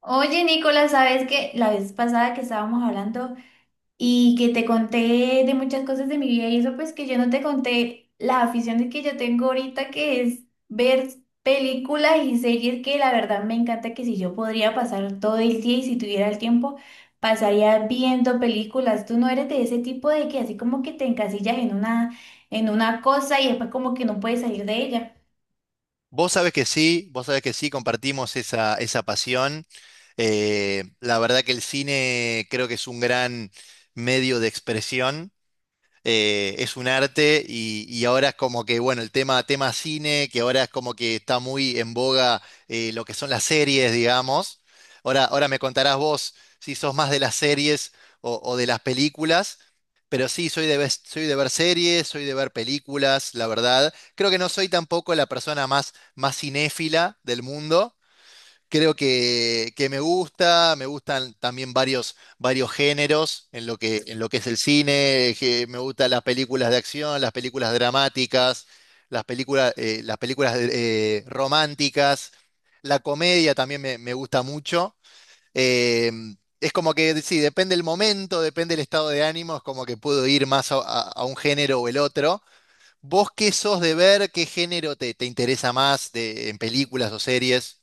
Oye, Nicolás, ¿sabes que la vez pasada que estábamos hablando y que te conté de muchas cosas de mi vida y eso? Pues que yo no te conté las aficiones que yo tengo ahorita, que es ver películas y series que la verdad me encanta, que si yo podría pasar todo el día y si tuviera el tiempo, pasaría viendo películas. Tú no eres de ese tipo de que así como que te encasillas en una cosa y después como que no puedes salir de ella. Vos sabés que sí, vos sabés que sí, compartimos esa pasión. La verdad que el cine creo que es un gran medio de expresión, es un arte y ahora es como que, bueno, el tema cine, que ahora es como que está muy en boga, lo que son las series, digamos. Ahora me contarás vos si sos más de las series o de las películas, pero sí, soy de, soy de ver series, soy de ver películas, la verdad. Creo que no soy tampoco la persona más cinéfila del mundo. Creo que me gusta, me gustan también varios géneros en lo que es el cine, que me gustan las películas de acción, las películas dramáticas, las películas románticas, la comedia también me gusta mucho. Eh, es como que, sí, depende el momento, depende el estado de ánimo, es como que puedo ir más a, a un género o el otro. ¿Vos qué sos de ver? ¿Qué género te, te interesa más de, en películas o series?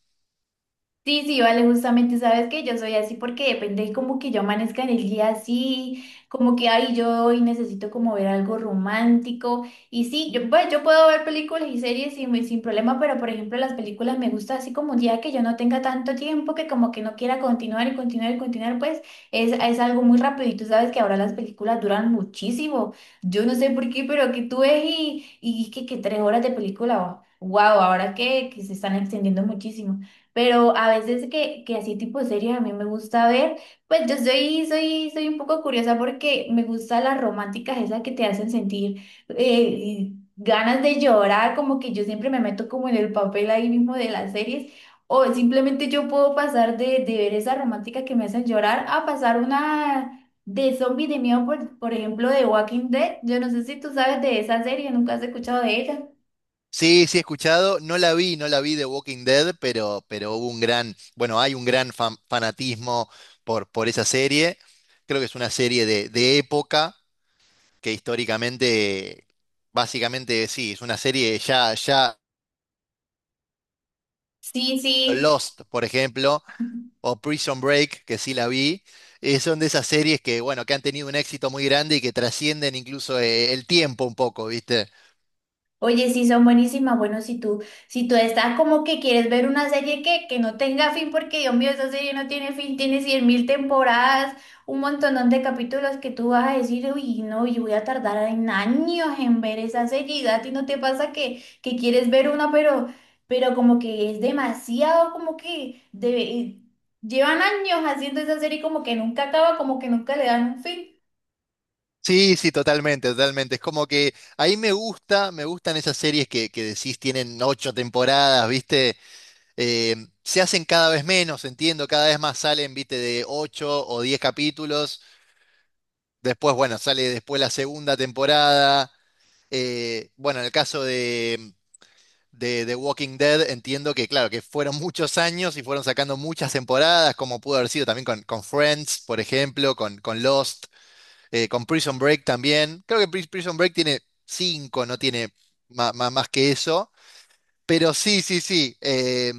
Sí, sí, vale, justamente sabes que yo soy así porque depende como que yo amanezca en el día así, como que ay, yo hoy necesito como ver algo romántico y sí, yo, pues, yo puedo ver películas y series sin problema, pero por ejemplo las películas me gusta así como un día que yo no tenga tanto tiempo que como que no quiera continuar y continuar y continuar, pues es algo muy rápido y tú sabes que ahora las películas duran muchísimo, yo no sé por qué, pero que tú ves y que tres horas de película, wow, ahora que se están extendiendo muchísimo. Pero a veces que así tipo series a mí me gusta ver, pues yo soy, soy, soy un poco curiosa porque me gustan las románticas, esas que te hacen sentir ganas de llorar, como que yo siempre me meto como en el papel ahí mismo de las series, o simplemente yo puedo pasar de ver esa romántica que me hacen llorar a pasar una de zombie de miedo, por ejemplo, de Walking Dead. Yo no sé si tú sabes de esa serie, nunca has escuchado de ella. Sí, sí he escuchado, no la vi, no la vi de Walking Dead, pero hubo un gran, bueno, hay un gran fanatismo por esa serie. Creo que es una serie de época que históricamente, básicamente sí, es una serie ya, ya Sí, sí. Lost, por ejemplo, o Prison Break, que sí la vi. Son de esas series que, bueno, que han tenido un éxito muy grande y que trascienden incluso, el tiempo un poco, ¿viste? Oye, sí, son buenísimas. Bueno, si tú, si tú estás como que quieres ver una serie que no tenga fin, porque Dios mío, esa serie no tiene fin, tiene cien mil temporadas, un montón de capítulos que tú vas a decir, uy, no, yo voy a tardar en años en ver esa serie. Y a ti no te pasa que quieres ver una, pero como que es demasiado, como que llevan años haciendo esa serie como que nunca acaba, como que nunca le dan un fin. Sí, sí, totalmente, totalmente. Es como que ahí me gusta, me gustan esas series que decís tienen ocho temporadas, ¿viste? Eh, Se hacen cada vez menos, entiendo, cada vez más salen, ¿viste? De ocho o diez capítulos. Después, bueno, sale después la segunda temporada. Bueno, en el caso de Walking Dead, entiendo que, claro, que fueron muchos años y fueron sacando muchas temporadas, como pudo haber sido también con Friends, por ejemplo, con Lost, con Prison Break también. Creo que Prison Break tiene cinco, no tiene más que eso. Pero sí, sí, sí.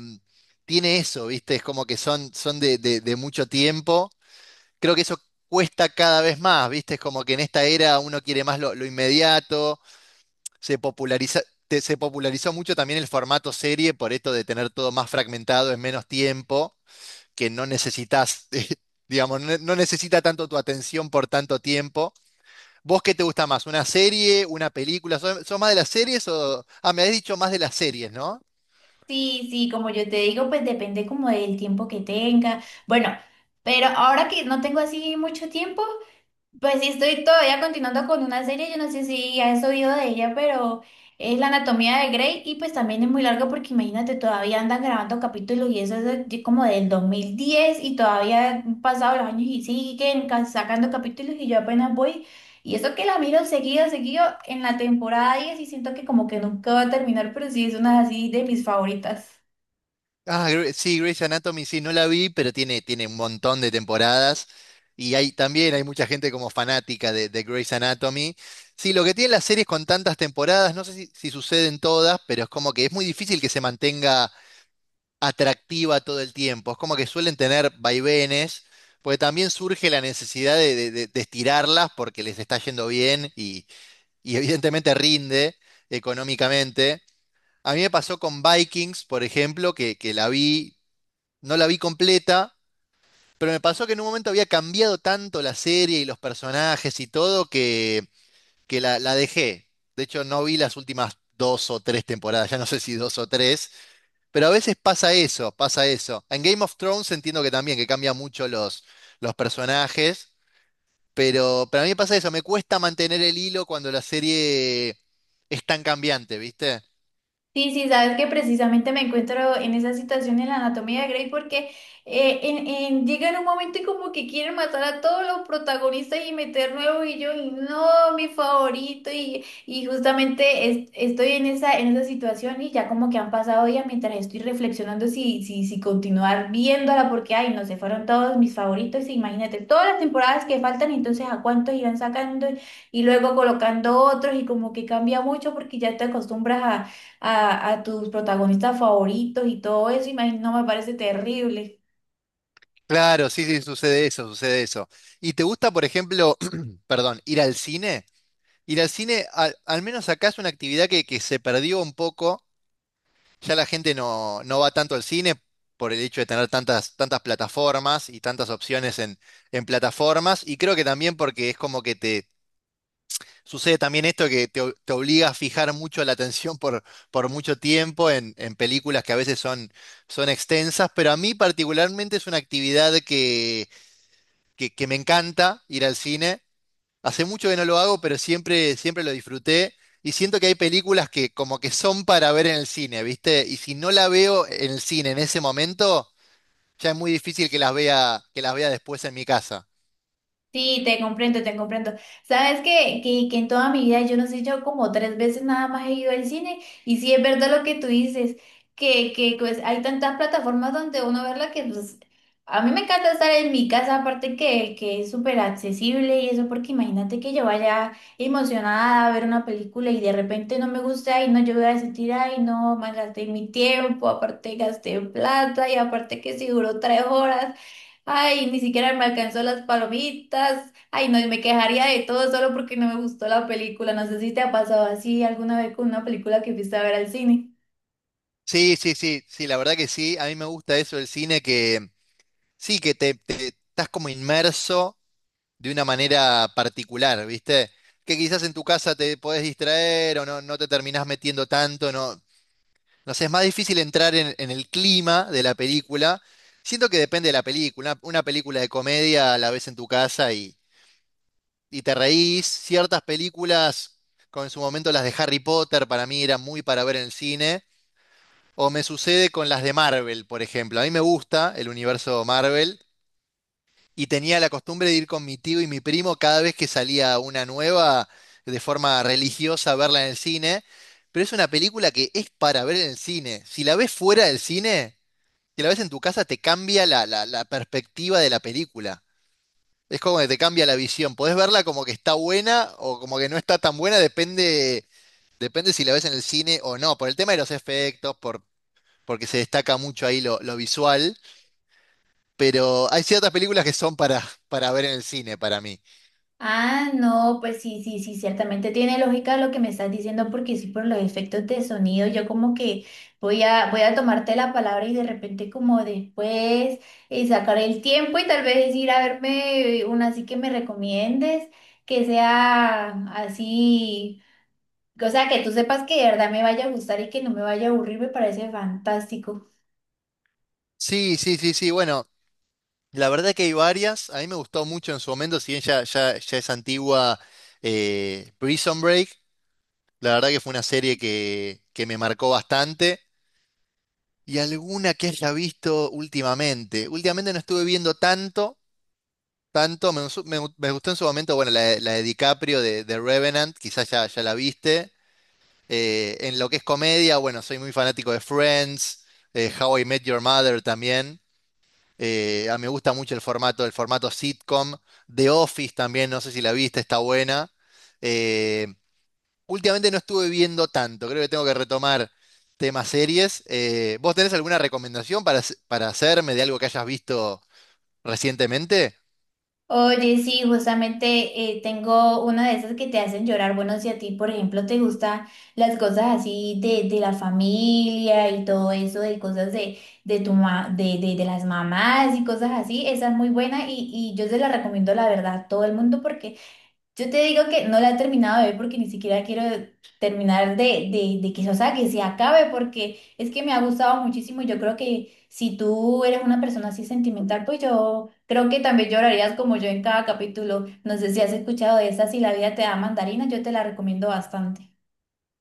Tiene eso, ¿viste? Es como que son, son de, de mucho tiempo. Creo que eso cuesta cada vez más, ¿viste? Es como que en esta era uno quiere más lo inmediato. Se populariza, se popularizó mucho también el formato serie por esto de tener todo más fragmentado en menos tiempo, que no necesitas, digamos, no necesita tanto tu atención por tanto tiempo. ¿Vos qué te gusta más? ¿Una serie? ¿Una película? ¿Sos, sos más de las series o...? Ah, me habías dicho más de las series, ¿no? Sí, sí, como yo te digo, pues depende como del tiempo que tenga. Bueno, pero ahora que no tengo así mucho tiempo, pues sí, estoy todavía continuando con una serie, yo no sé si has oído de ella, pero es La Anatomía de Grey y pues también es muy larga porque imagínate, todavía andan grabando capítulos y eso es de como del 2010 y todavía han pasado los años y siguen sacando capítulos y yo apenas voy. Y eso que la miro seguido, seguido en la temporada 10 y siento que como que nunca va a terminar, pero sí es una así de mis favoritas. Ah, sí, Grey's Anatomy sí, no la vi, pero tiene, tiene un montón de temporadas. Y hay, también hay mucha gente como fanática de Grey's Anatomy. Sí, lo que tienen las series con tantas temporadas, no sé si, si suceden todas, pero es como que es muy difícil que se mantenga atractiva todo el tiempo. Es como que suelen tener vaivenes, porque también surge la necesidad de, de estirarlas porque les está yendo bien y evidentemente rinde económicamente. A mí me pasó con Vikings, por ejemplo, que la vi, no la vi completa, pero me pasó que en un momento había cambiado tanto la serie y los personajes y todo que la dejé. De hecho, no vi las últimas dos o tres temporadas, ya no sé si dos o tres, pero a veces pasa eso, pasa eso. En Game of Thrones entiendo que también, que cambia mucho los personajes, pero, para mí me pasa eso, me cuesta mantener el hilo cuando la serie es tan cambiante, ¿viste? Sí, sí, sabes que precisamente me encuentro en esa situación en la anatomía de Grey porque llega en un momento y como que quieren matar a todos los protagonistas y meter nuevo y yo, y no, mi favorito y justamente estoy en esa situación y ya como que han pasado días mientras estoy reflexionando si, si, si continuar viéndola porque, ay, no se fueron todos mis favoritos, imagínate, todas las temporadas que faltan, entonces a cuántos irán sacando y luego colocando otros y como que cambia mucho porque ya te acostumbras a tus protagonistas favoritos y todo eso, imagino, me parece terrible. Claro, sí, sí, sucede eso, sucede eso. ¿Y te gusta, por ejemplo, perdón, ir al cine? Ir al cine, al, al menos acá es una actividad que se perdió un poco. Ya la gente no, no va tanto al cine por el hecho de tener tantas, tantas plataformas y tantas opciones en plataformas. Y creo que también porque es como que sucede también esto que te, te obliga a fijar mucho la atención por mucho tiempo en películas que a veces son, son extensas, pero a mí particularmente es una actividad que me encanta ir al cine. Hace mucho que no lo hago, pero siempre, siempre lo disfruté y siento que hay películas que como que son para ver en el cine, ¿viste? Y si no la veo en el cine en ese momento, ya es muy difícil que las vea después en mi casa. Sí, te comprendo, te comprendo. Sabes que en toda mi vida, yo no sé, yo como tres veces nada más he ido al cine y sí es verdad lo que tú dices, que pues hay tantas plataformas donde uno verla que pues a mí me encanta estar en mi casa, aparte que es súper accesible y eso, porque imagínate que yo vaya emocionada a ver una película y de repente no me gusta y no, yo voy a sentir, ay, no, me mi tiempo, aparte gasté plata y aparte que si duró tres horas. Ay, ni siquiera me alcanzó las palomitas. Ay, no, y me quejaría de todo solo porque no me gustó la película. No sé si te ha pasado así alguna vez con una película que fuiste a ver al cine. Sí, sí, sí, sí, la verdad que sí, a mí me gusta eso del cine que sí, que te, estás como inmerso de una manera particular, ¿viste? Que quizás en tu casa te podés distraer o no, no te terminás metiendo tanto, no, no sé, es más difícil entrar en el clima de la película. Siento que depende de la película. Una película de comedia la ves en tu casa y te reís. Ciertas películas, como en su momento las de Harry Potter, para mí eran muy para ver en el cine. O me sucede con las de Marvel, por ejemplo. A mí me gusta el universo Marvel, y tenía la costumbre de ir con mi tío y mi primo cada vez que salía una nueva, de forma religiosa, a verla en el cine. Pero es una película que es para ver en el cine. Si la ves fuera del cine, si la ves en tu casa, te cambia la, la perspectiva de la película. Es como que te cambia la visión. Podés verla como que está buena o como que no está tan buena, depende, depende si la ves en el cine o no. Por el tema de los efectos, por, porque se destaca mucho ahí lo visual. Pero hay ciertas películas que son para ver en el cine, para mí. Ah, no, pues sí, sí, sí, ciertamente tiene lógica lo que me estás diciendo porque sí, por los efectos de sonido, yo como que voy a tomarte la palabra y de repente como después sacar el tiempo y tal vez ir a verme una así que me recomiendes, que sea así. O sea, que tú sepas que de verdad me vaya a gustar y que no me vaya a aburrir, me parece fantástico. Sí, sí, sí, sí. Bueno, la verdad que hay varias. A mí me gustó mucho en su momento, si bien ya, ya, ya es antigua, Prison Break. La verdad que fue una serie que me marcó bastante. Y alguna que haya visto últimamente. Últimamente no estuve viendo tanto, tanto. Me, me, me gustó en su momento, bueno, la de DiCaprio de Revenant, quizás ya, ya la viste. En lo que es comedia, bueno, soy muy fanático de Friends, How I Met Your Mother también. Mí me gusta mucho el formato sitcom. The Office también, no sé si la viste, está buena. Eh, Últimamente no estuve viendo tanto, creo que tengo que retomar temas series. ¿Vos tenés alguna recomendación para, para hacerme de algo que hayas visto recientemente? Oye, sí, justamente tengo una de esas que te hacen llorar. Bueno, si a ti, por ejemplo, te gustan las cosas así de la familia y todo eso, de cosas de, de las mamás y cosas así, esa es muy buena y yo se la recomiendo, la verdad, a todo el mundo porque yo te digo que no la he terminado de ver porque ni siquiera quiero terminar de que, o sea, que se acabe porque es que me ha gustado muchísimo. Y yo creo que si tú eres una persona así sentimental, pues yo creo que también llorarías como yo en cada capítulo. No sé si has escuchado de esa, si la vida te da mandarina, yo te la recomiendo bastante.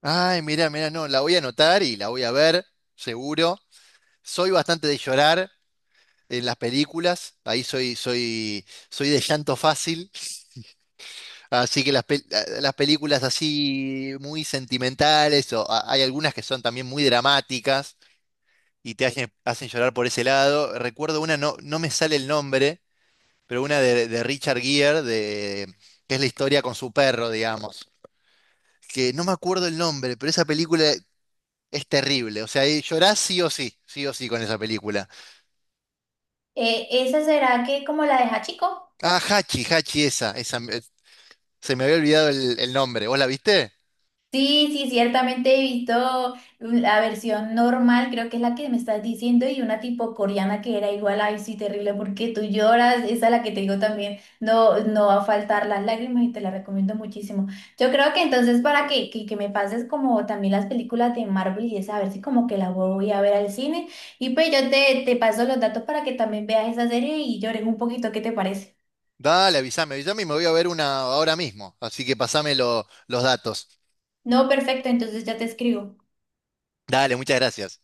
Ay, mirá, mirá, no, la voy a anotar y la voy a ver, seguro. Soy bastante de llorar en las películas, ahí soy, soy, soy de llanto fácil. Así que las, ah, las películas así muy sentimentales, o hay algunas que son también muy dramáticas y te hacen, hacen llorar por ese lado. Recuerdo una, no, no me sale el nombre, pero una de Richard Gere, de, que es la historia con su perro, digamos. Que no me acuerdo el nombre, pero esa película es terrible. O sea, llorás sí o sí con esa película. ¿Esa será que como la de Hachiko? Ah, Hachi, Hachi esa, esa, se me había olvidado el nombre. ¿Vos la viste? Sí, sí, ciertamente he visto la versión normal, creo que es la que me estás diciendo, y una tipo coreana que era igual, ay, sí, terrible, porque tú lloras, esa es la que te digo también, no, no va a faltar las lágrimas y te la recomiendo muchísimo. Yo creo que entonces para que me pases como también las películas de Marvel y esa, a ver si como que la voy a ver al cine, y pues yo te, te paso los datos para que también veas esa serie y llores un poquito, ¿qué te parece? Dale, avísame, avísame y me voy a ver una ahora mismo. Así que pasame los datos. No, perfecto, entonces ya te escribo. Dale, muchas gracias.